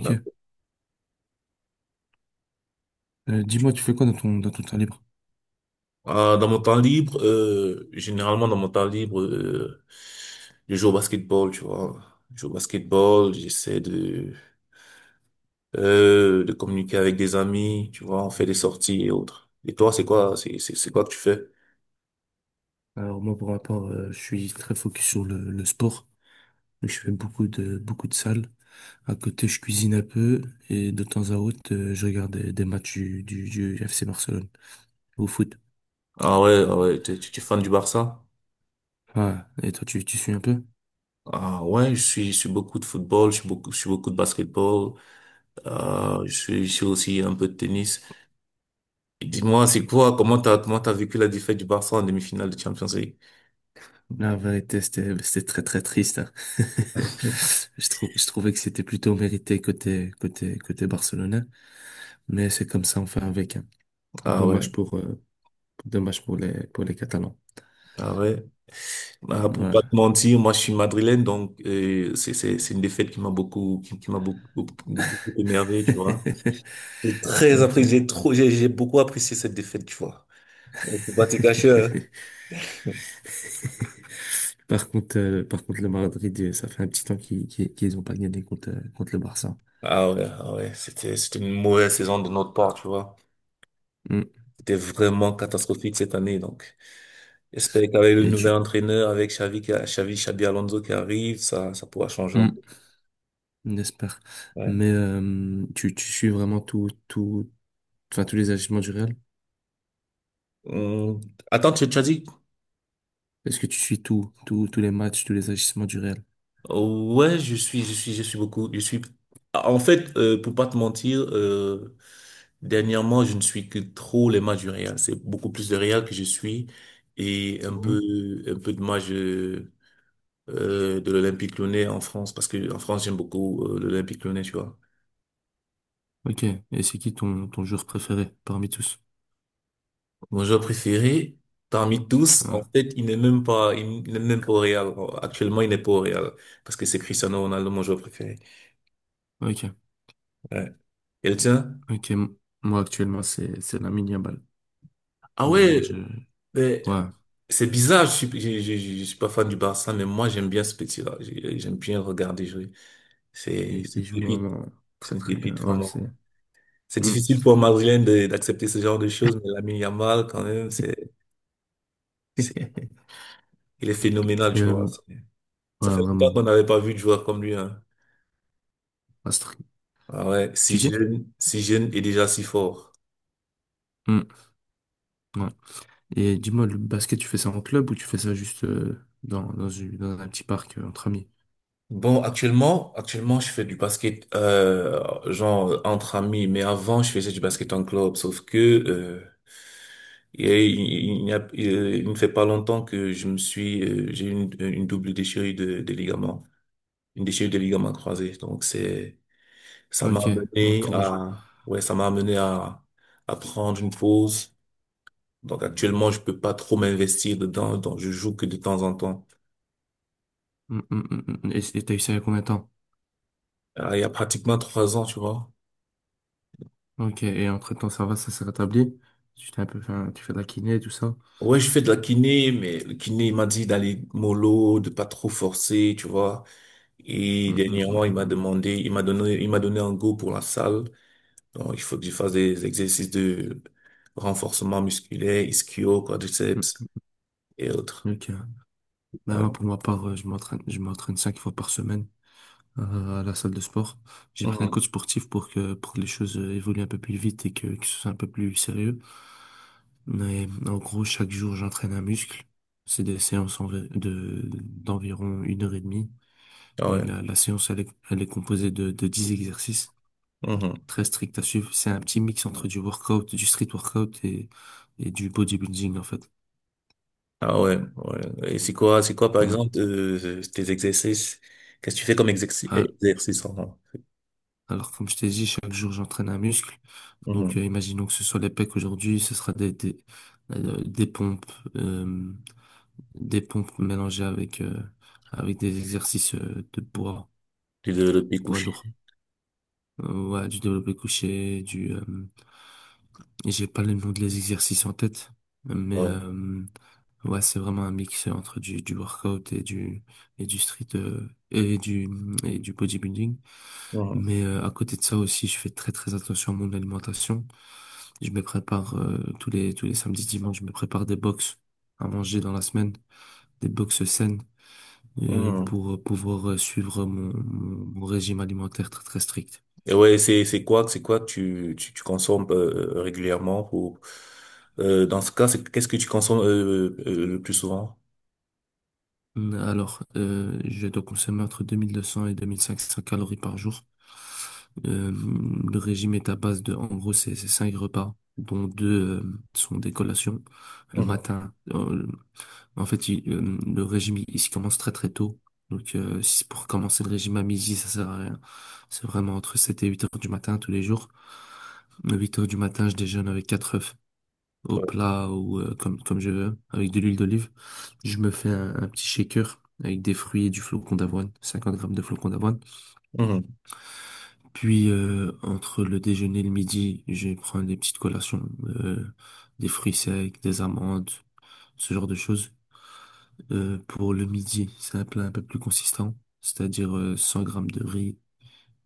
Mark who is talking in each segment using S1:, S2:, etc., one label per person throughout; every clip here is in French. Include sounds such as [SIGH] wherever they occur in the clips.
S1: Ok. Dis-moi, tu fais quoi dans dans ton temps libre?
S2: Ah, dans mon temps libre, généralement dans mon temps libre, je joue au basketball, tu vois. Je joue au basketball, j'essaie de communiquer avec des amis, tu vois, on fait des sorties et autres. Et toi, c'est quoi, c'est quoi que tu fais?
S1: Alors moi, pour ma part, je suis très focus sur le sport. Donc, je fais beaucoup beaucoup de salles. À côté, je cuisine un peu et de temps à autre, je regarde des matchs du FC Barcelone au foot.
S2: Ah ouais, ah ouais, t'es, tu tu es fan du Barça?
S1: Ouais. Et toi, tu suis un peu?
S2: Ah ouais, je suis beaucoup de football, je suis beaucoup de basketball, je suis aussi un peu de tennis. Et dis-moi, c'est quoi, comment t'as vécu la défaite du Barça en demi-finale de Champions League?
S1: La vérité, c'était très très triste, hein.
S2: [LAUGHS]
S1: [LAUGHS] Je trouvais que c'était plutôt mérité côté barcelonais, mais c'est comme ça, on fait avec, hein.
S2: Ah ouais.
S1: Dommage pour, euh, dommage pour pour les Catalans.
S2: Ah ouais. Ah, pour
S1: Ouais.
S2: pas te mentir, moi je suis madrilène, donc c'est une défaite qui m'a beaucoup, beaucoup beaucoup émerveillé, tu vois.
S1: [LAUGHS]
S2: J'ai très apprécié,
S1: Ok.
S2: j'ai trop j'ai beaucoup apprécié cette défaite, tu vois. Donc faut pas te cacher, hein. [LAUGHS]
S1: Par contre, le Madrid, ça fait un petit temps qu'ils ont pas gagné contre, contre le Barça.
S2: Ah ouais, ah ouais, c'était une mauvaise saison de notre part, tu vois.
S1: Mm.
S2: C'était vraiment catastrophique cette année, donc j'espère qu'avec le
S1: Et
S2: nouvel
S1: tu,
S2: entraîneur, avec Xavi, qui a- Xavi, Xabi Alonso qui arrive, ça pourra changer un
S1: Hmm.
S2: peu.
S1: on
S2: Ouais.
S1: Mais tu, tu suis vraiment enfin, tous les agissements du Real?
S2: Hum, Attends, tu as dit.
S1: Est-ce que tu suis tous les matchs, tous les agissements du Real?
S2: Ouais, je suis beaucoup. Je suis. En fait, pour pas te mentir, dernièrement, je ne suis que trop les matchs du Real. C'est beaucoup plus de Real que je suis et un peu,
S1: Mhm.
S2: un peu de matchs de l'Olympique Lyonnais en France parce que en France, j'aime beaucoup l'Olympique Lyonnais, tu vois.
S1: Ok. Et c'est qui ton, ton joueur préféré parmi tous?
S2: Mon joueur préféré parmi tous, en
S1: Ah.
S2: fait, il n'est même pas au Real. Actuellement, il n'est pas au Real parce que c'est Cristiano Ronaldo, mon joueur préféré.
S1: Ok.
S2: Ouais. Et le tien?
S1: Ok, m- Moi actuellement c'est la mini balle.
S2: Ah
S1: Vraiment,
S2: ouais.
S1: je
S2: Mais
S1: ouais,
S2: c'est bizarre, je suis pas fan du Barça, mais moi j'aime bien ce petit-là. J'aime bien le regarder jouer. C'est c'est
S1: il
S2: une
S1: joue
S2: pépite.
S1: vraiment
S2: C'est
S1: très
S2: une
S1: très bien.
S2: pépite,
S1: Ouais, c'est…
S2: vraiment. C'est
S1: Hmm.
S2: difficile pour un Madrilène d'accepter ce genre de choses, mais Lamine Yamal, quand même, c'est,
S1: [LAUGHS]
S2: il est phénoménal,
S1: Et,
S2: tu vois. Ça
S1: ouais,
S2: fait longtemps qu'on
S1: vraiment
S2: n'avait pas vu de joueur comme lui, hein.
S1: Astrid.
S2: Ah ouais,
S1: Tu
S2: si
S1: dis?
S2: jeune, si jeune et déjà si fort.
S1: Hmm, ouais. Et dis-moi, le basket, tu fais ça en club ou tu fais ça juste dans dans un petit parc entre amis?
S2: Bon, actuellement, je fais du basket, genre entre amis, mais avant, je faisais du basket en club, sauf que, il ne fait pas longtemps que j'ai eu une double déchirure de ligament, une déchirure de ligaments croisés. Donc c'est, ça m'a
S1: Ok, bon
S2: amené
S1: courage.
S2: à, ouais, ça m'a amené à prendre une pause. Donc actuellement, je peux pas trop m'investir dedans, donc je joue que de temps en temps.
S1: Hmm. Et t'as eu ça il y a combien de temps?
S2: Ah, il y a pratiquement 3 ans, tu vois.
S1: Ok, et entre-temps ça va, ça s'est rétabli? Tu t'es un peu tu fais de la kiné tout ça?
S2: Ouais, je fais de la kiné, mais le kiné, il m'a dit d'aller mollo, de pas trop forcer, tu vois. Et
S1: Hmm, hmm, hmm,
S2: dernièrement,
S1: hmm, hmm.
S2: il m'a donné un go pour la salle. Donc, il faut que je fasse des exercices de renforcement musculaire, ischio,
S1: Hmm,
S2: quadriceps et autres.
S1: Ok. Ben,
S2: Ouais.
S1: moi, pour ma part, je m'entraîne 5 fois par semaine à la salle de sport. J'ai pris un
S2: Mhm.
S1: coach sportif pour que les choses évoluent un peu plus vite et que ce soit un peu plus sérieux. Mais en gros, chaque jour, j'entraîne un muscle. C'est des d'environ 1 h 30.
S2: Ah
S1: Et
S2: ouais.
S1: la séance, elle est composée de 10 exercices
S2: Mhm.
S1: très stricts à suivre. C'est un petit mix entre du workout, du street workout et du bodybuilding, en fait.
S2: Ah ouais. Ouais. Et c'est quoi, par
S1: Ouais.
S2: exemple, tes exercices? Qu'est-ce que tu fais comme exercice,
S1: Ah,
S2: exercice en.
S1: alors, comme je t'ai dit, chaque jour, j'entraîne un muscle. Donc,
S2: Mhm.
S1: imaginons que ce soit les pecs aujourd'hui, ce sera euh, des pompes, euh, des pompes mélangées avec, avec des exercices de poids,
S2: Tu de le pied
S1: poids
S2: couché.
S1: lourd. Ouais, du développé couché, j'ai pas le nom de les exercices en tête, mais
S2: Ouais.
S1: ouais, c'est vraiment un mix entre du workout et et du street, et du bodybuilding.
S2: Mhm.
S1: Mais à côté de ça aussi, je fais très très attention à mon alimentation. Je me prépare tous les samedis, dimanches, je me prépare des box à manger dans la semaine, des box saines
S2: Mhm.
S1: pour pouvoir suivre mon, mon régime alimentaire très très strict.
S2: Et ouais, c'est quoi que tu consommes régulièrement pour, dans ce cas, c'est, qu'est-ce que tu consommes le plus souvent?
S1: Alors, je dois consommer entre 2200 et 2500 calories par jour. Euh, le régime est à base de, en gros, c'est 5 repas, dont deux sont des collations le
S2: Mhm.
S1: matin. En fait, le régime, il se commence très très tôt. Donc, si c'est pour commencer le régime à midi, ça sert à rien. C'est vraiment entre 7 et 8 heures du matin tous les jours. À 8 heures du matin, je déjeune avec 4 œufs au
S2: Ouais.
S1: plat ou comme, comme je veux, avec de l'huile d'olive. Je me fais un petit shaker avec des fruits et du flocon d'avoine, 50 grammes de flocon d'avoine.
S2: Mhm.
S1: Puis, entre le déjeuner et le midi, je prends des petites collations, euh, des fruits secs, des amandes, ce genre de choses. Pour le midi, c'est un plat un peu plus consistant, c'est-à-dire 100 grammes de riz,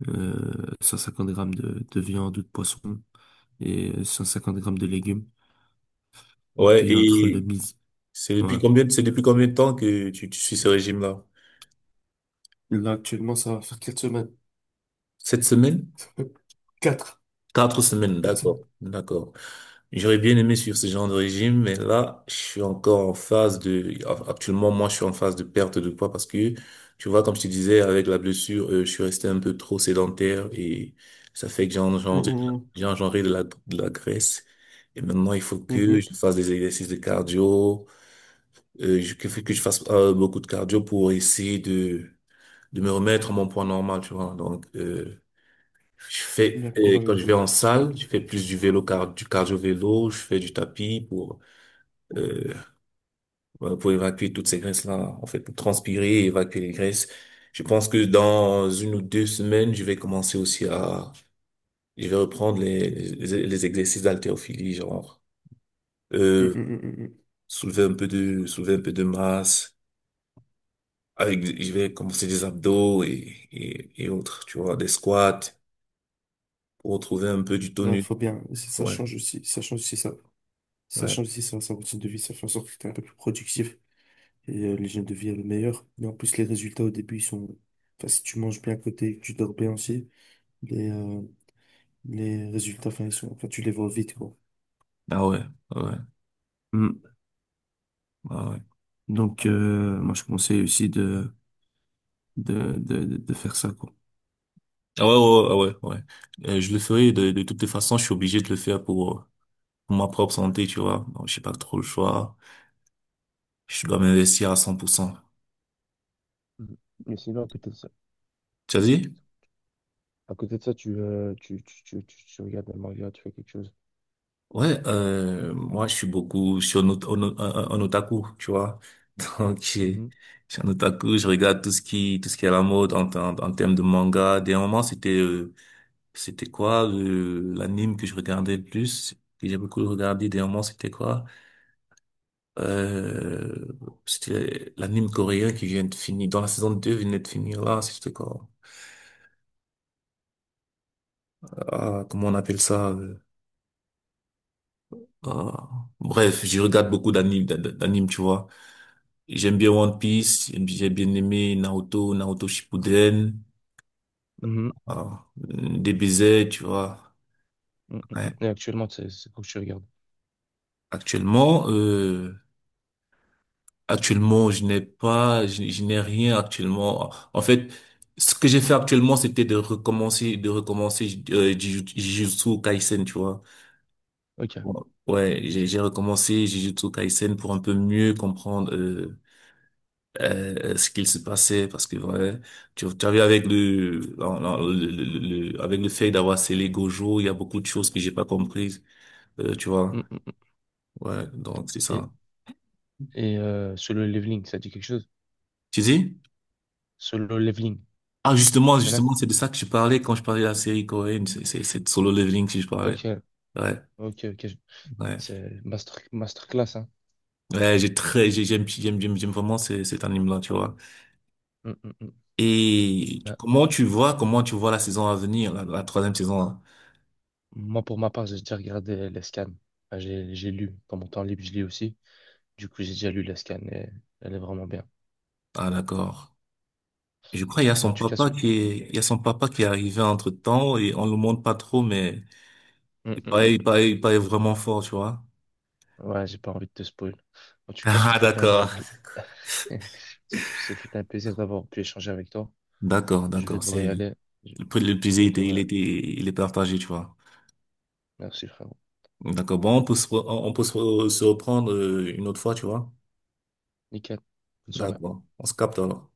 S1: euh, 150 grammes de viande ou de poisson et 150 grammes de légumes.
S2: Ouais,
S1: Puis entre le
S2: et
S1: midi,
S2: C'est
S1: ouais.
S2: depuis combien, c'est depuis combien de temps que tu suis ce régime-là?
S1: Là, actuellement, ça va faire 4 semaines.
S2: 7 semaines?
S1: [LAUGHS] quatre
S2: 4 semaines,
S1: quatre
S2: d'accord,
S1: semaines.
S2: d'accord. J'aurais bien aimé suivre ce genre de régime, mais là, je suis encore en phase de, enfin, actuellement, moi, je suis en phase de perte de poids parce que, tu vois, comme je te disais, avec la blessure, je suis resté un peu trop sédentaire et ça fait que
S1: Mhm,
S2: j'ai engendré de la graisse. Et maintenant, il faut
S1: mhm,
S2: que je
S1: mhm.
S2: fasse des exercices de cardio, que je fasse beaucoup de cardio pour essayer de me remettre à mon poids normal, tu vois. Donc,
S1: Bien,
S2: et
S1: courage à
S2: quand je
S1: toi,
S2: vais en
S1: tu peux
S2: salle, je fais plus du vélo, car, du cardio-vélo, je fais du tapis pour, euh, voilà, pour évacuer toutes ces graisses-là, en fait, pour transpirer et évacuer les graisses. Je pense que dans 1 ou 2 semaines, je vais commencer aussi à, je vais reprendre les exercices d'haltérophilie, genre,
S1: peu.
S2: euh,
S1: Mhm, mhm, mhm.
S2: soulever un peu de masse. Avec, je vais commencer des abdos et autres, tu vois, des squats pour retrouver un peu du
S1: Non,
S2: tonus.
S1: faut bien. Ça ça
S2: Ouais.
S1: change aussi. Ça change aussi ça. Ça
S2: Ouais.
S1: change aussi ça, sa routine de vie. Ça fait en sorte que t'es un peu plus productif. Et l'hygiène de vie est le meilleur. Mais en plus, les résultats au début, ils sont… enfin, si tu manges bien à côté, que tu dors bien aussi, les, euh, les résultats, enfin, ils sont… enfin, tu les vois vite, quoi.
S2: Ah ouais, ah ouais,
S1: Hmm.
S2: ah ouais.
S1: Donc, moi, je conseille aussi de faire ça, quoi.
S2: Ah ouais, ouais, ouais, ah ouais, ouais. Je le ferai de toutes les façons, je suis obligé de le faire pour ma propre santé, tu vois. Donc, j'ai pas trop le choix. Je dois m'investir à 100%.
S1: Mhm. Mais sinon, à côté de ça,
S2: Tu as dit?
S1: à côté de ça, tu, tu regardes un manga, tu fais quelque chose.
S2: Ouais, moi, je suis beaucoup, sur un, ot- un otaku, tu vois. [LAUGHS] Donc,
S1: Mhm.
S2: je suis un otaku, je regarde tout ce qui est à la mode en termes de manga. Des moments, c'était quoi, l'anime que je regardais le plus, que j'ai beaucoup regardé. Des moments, c'était quoi? Euh, C'était l'anime coréen qui vient de finir, dans la saison 2 venait de finir là, c'était quoi? Ah, comment on appelle ça? Ah, Bref, je regarde beaucoup d'animes, d'animes, tu vois. J'aime bien One Piece, j'ai bien aimé Naruto, Naruto Shippuden, ah, DBZ, tu vois. Ouais.
S1: Et regarde.
S2: Actuellement, euh, Actuellement, je n'ai rien actuellement. En fait, ce que j'ai fait actuellement, c'était de recommencer, Jujutsu Kaisen, tu vois.
S1: Ok.
S2: Bon, ouais, j'ai
S1: Ok.
S2: j'ai recommencé Jujutsu Kaisen pour un peu mieux comprendre ce qu'il se passait, parce que ouais, tu as vu non, non, avec le fait d'avoir scellé Gojo, il y a beaucoup de choses que j'ai pas comprises, tu vois.
S1: Mm, mm, mm.
S2: Ouais, donc c'est
S1: Et,
S2: ça.
S1: et solo leveling, ça dit quelque chose?
S2: Tu dis?
S1: Solo leveling,
S2: Ah, justement,
S1: tu connais?
S2: justement, c'est de ça que je parlais quand je parlais de la série coréenne. C'est de Solo Leveling que je parlais.
S1: Ok.
S2: Ouais,
S1: Ok, ok.
S2: ouais.
S1: C'est master, masterclass, hein.
S2: Ouais, j'aime vraiment cet anime-là, tu vois.
S1: Mm, mm, mm.
S2: Et
S1: Bah,
S2: comment tu vois la saison à venir, la troisième saison, là?
S1: moi, pour ma part, j'ai déjà regardé les scans. Bah, j'ai lu. Dans mon temps libre, je lis aussi. Du coup, j'ai déjà lu les scans et elle est vraiment bien.
S2: Ah, d'accord. Je crois qu'il y a
S1: En
S2: son
S1: tout cas,
S2: papa
S1: ce…
S2: qui est, il y a son papa qui est arrivé entre-temps et on le montre pas trop, mais
S1: Mm,
S2: il
S1: mm,
S2: paraît, il
S1: mm.
S2: paraît, il paraît vraiment fort, tu vois.
S1: Ouais, j'ai pas envie de te spoil. En tout
S2: [LAUGHS]
S1: cas, ce
S2: Ah,
S1: fut un
S2: d'accord.
S1: pla- [LAUGHS] ce fut un plaisir d'avoir pu échanger avec toi.
S2: D'accord,
S1: Je vais
S2: d'accord.
S1: devoir y aller. Je,
S2: Le prix de
S1: je
S2: l'épuisé,
S1: vais devoir y aller.
S2: il est partagé, tu vois.
S1: Merci, frérot.
S2: D'accord. Bon, on peut se, re- on peut se re- se reprendre une autre fois, tu vois.
S1: Nickel. Bonne soirée.
S2: D'accord. On se capte alors.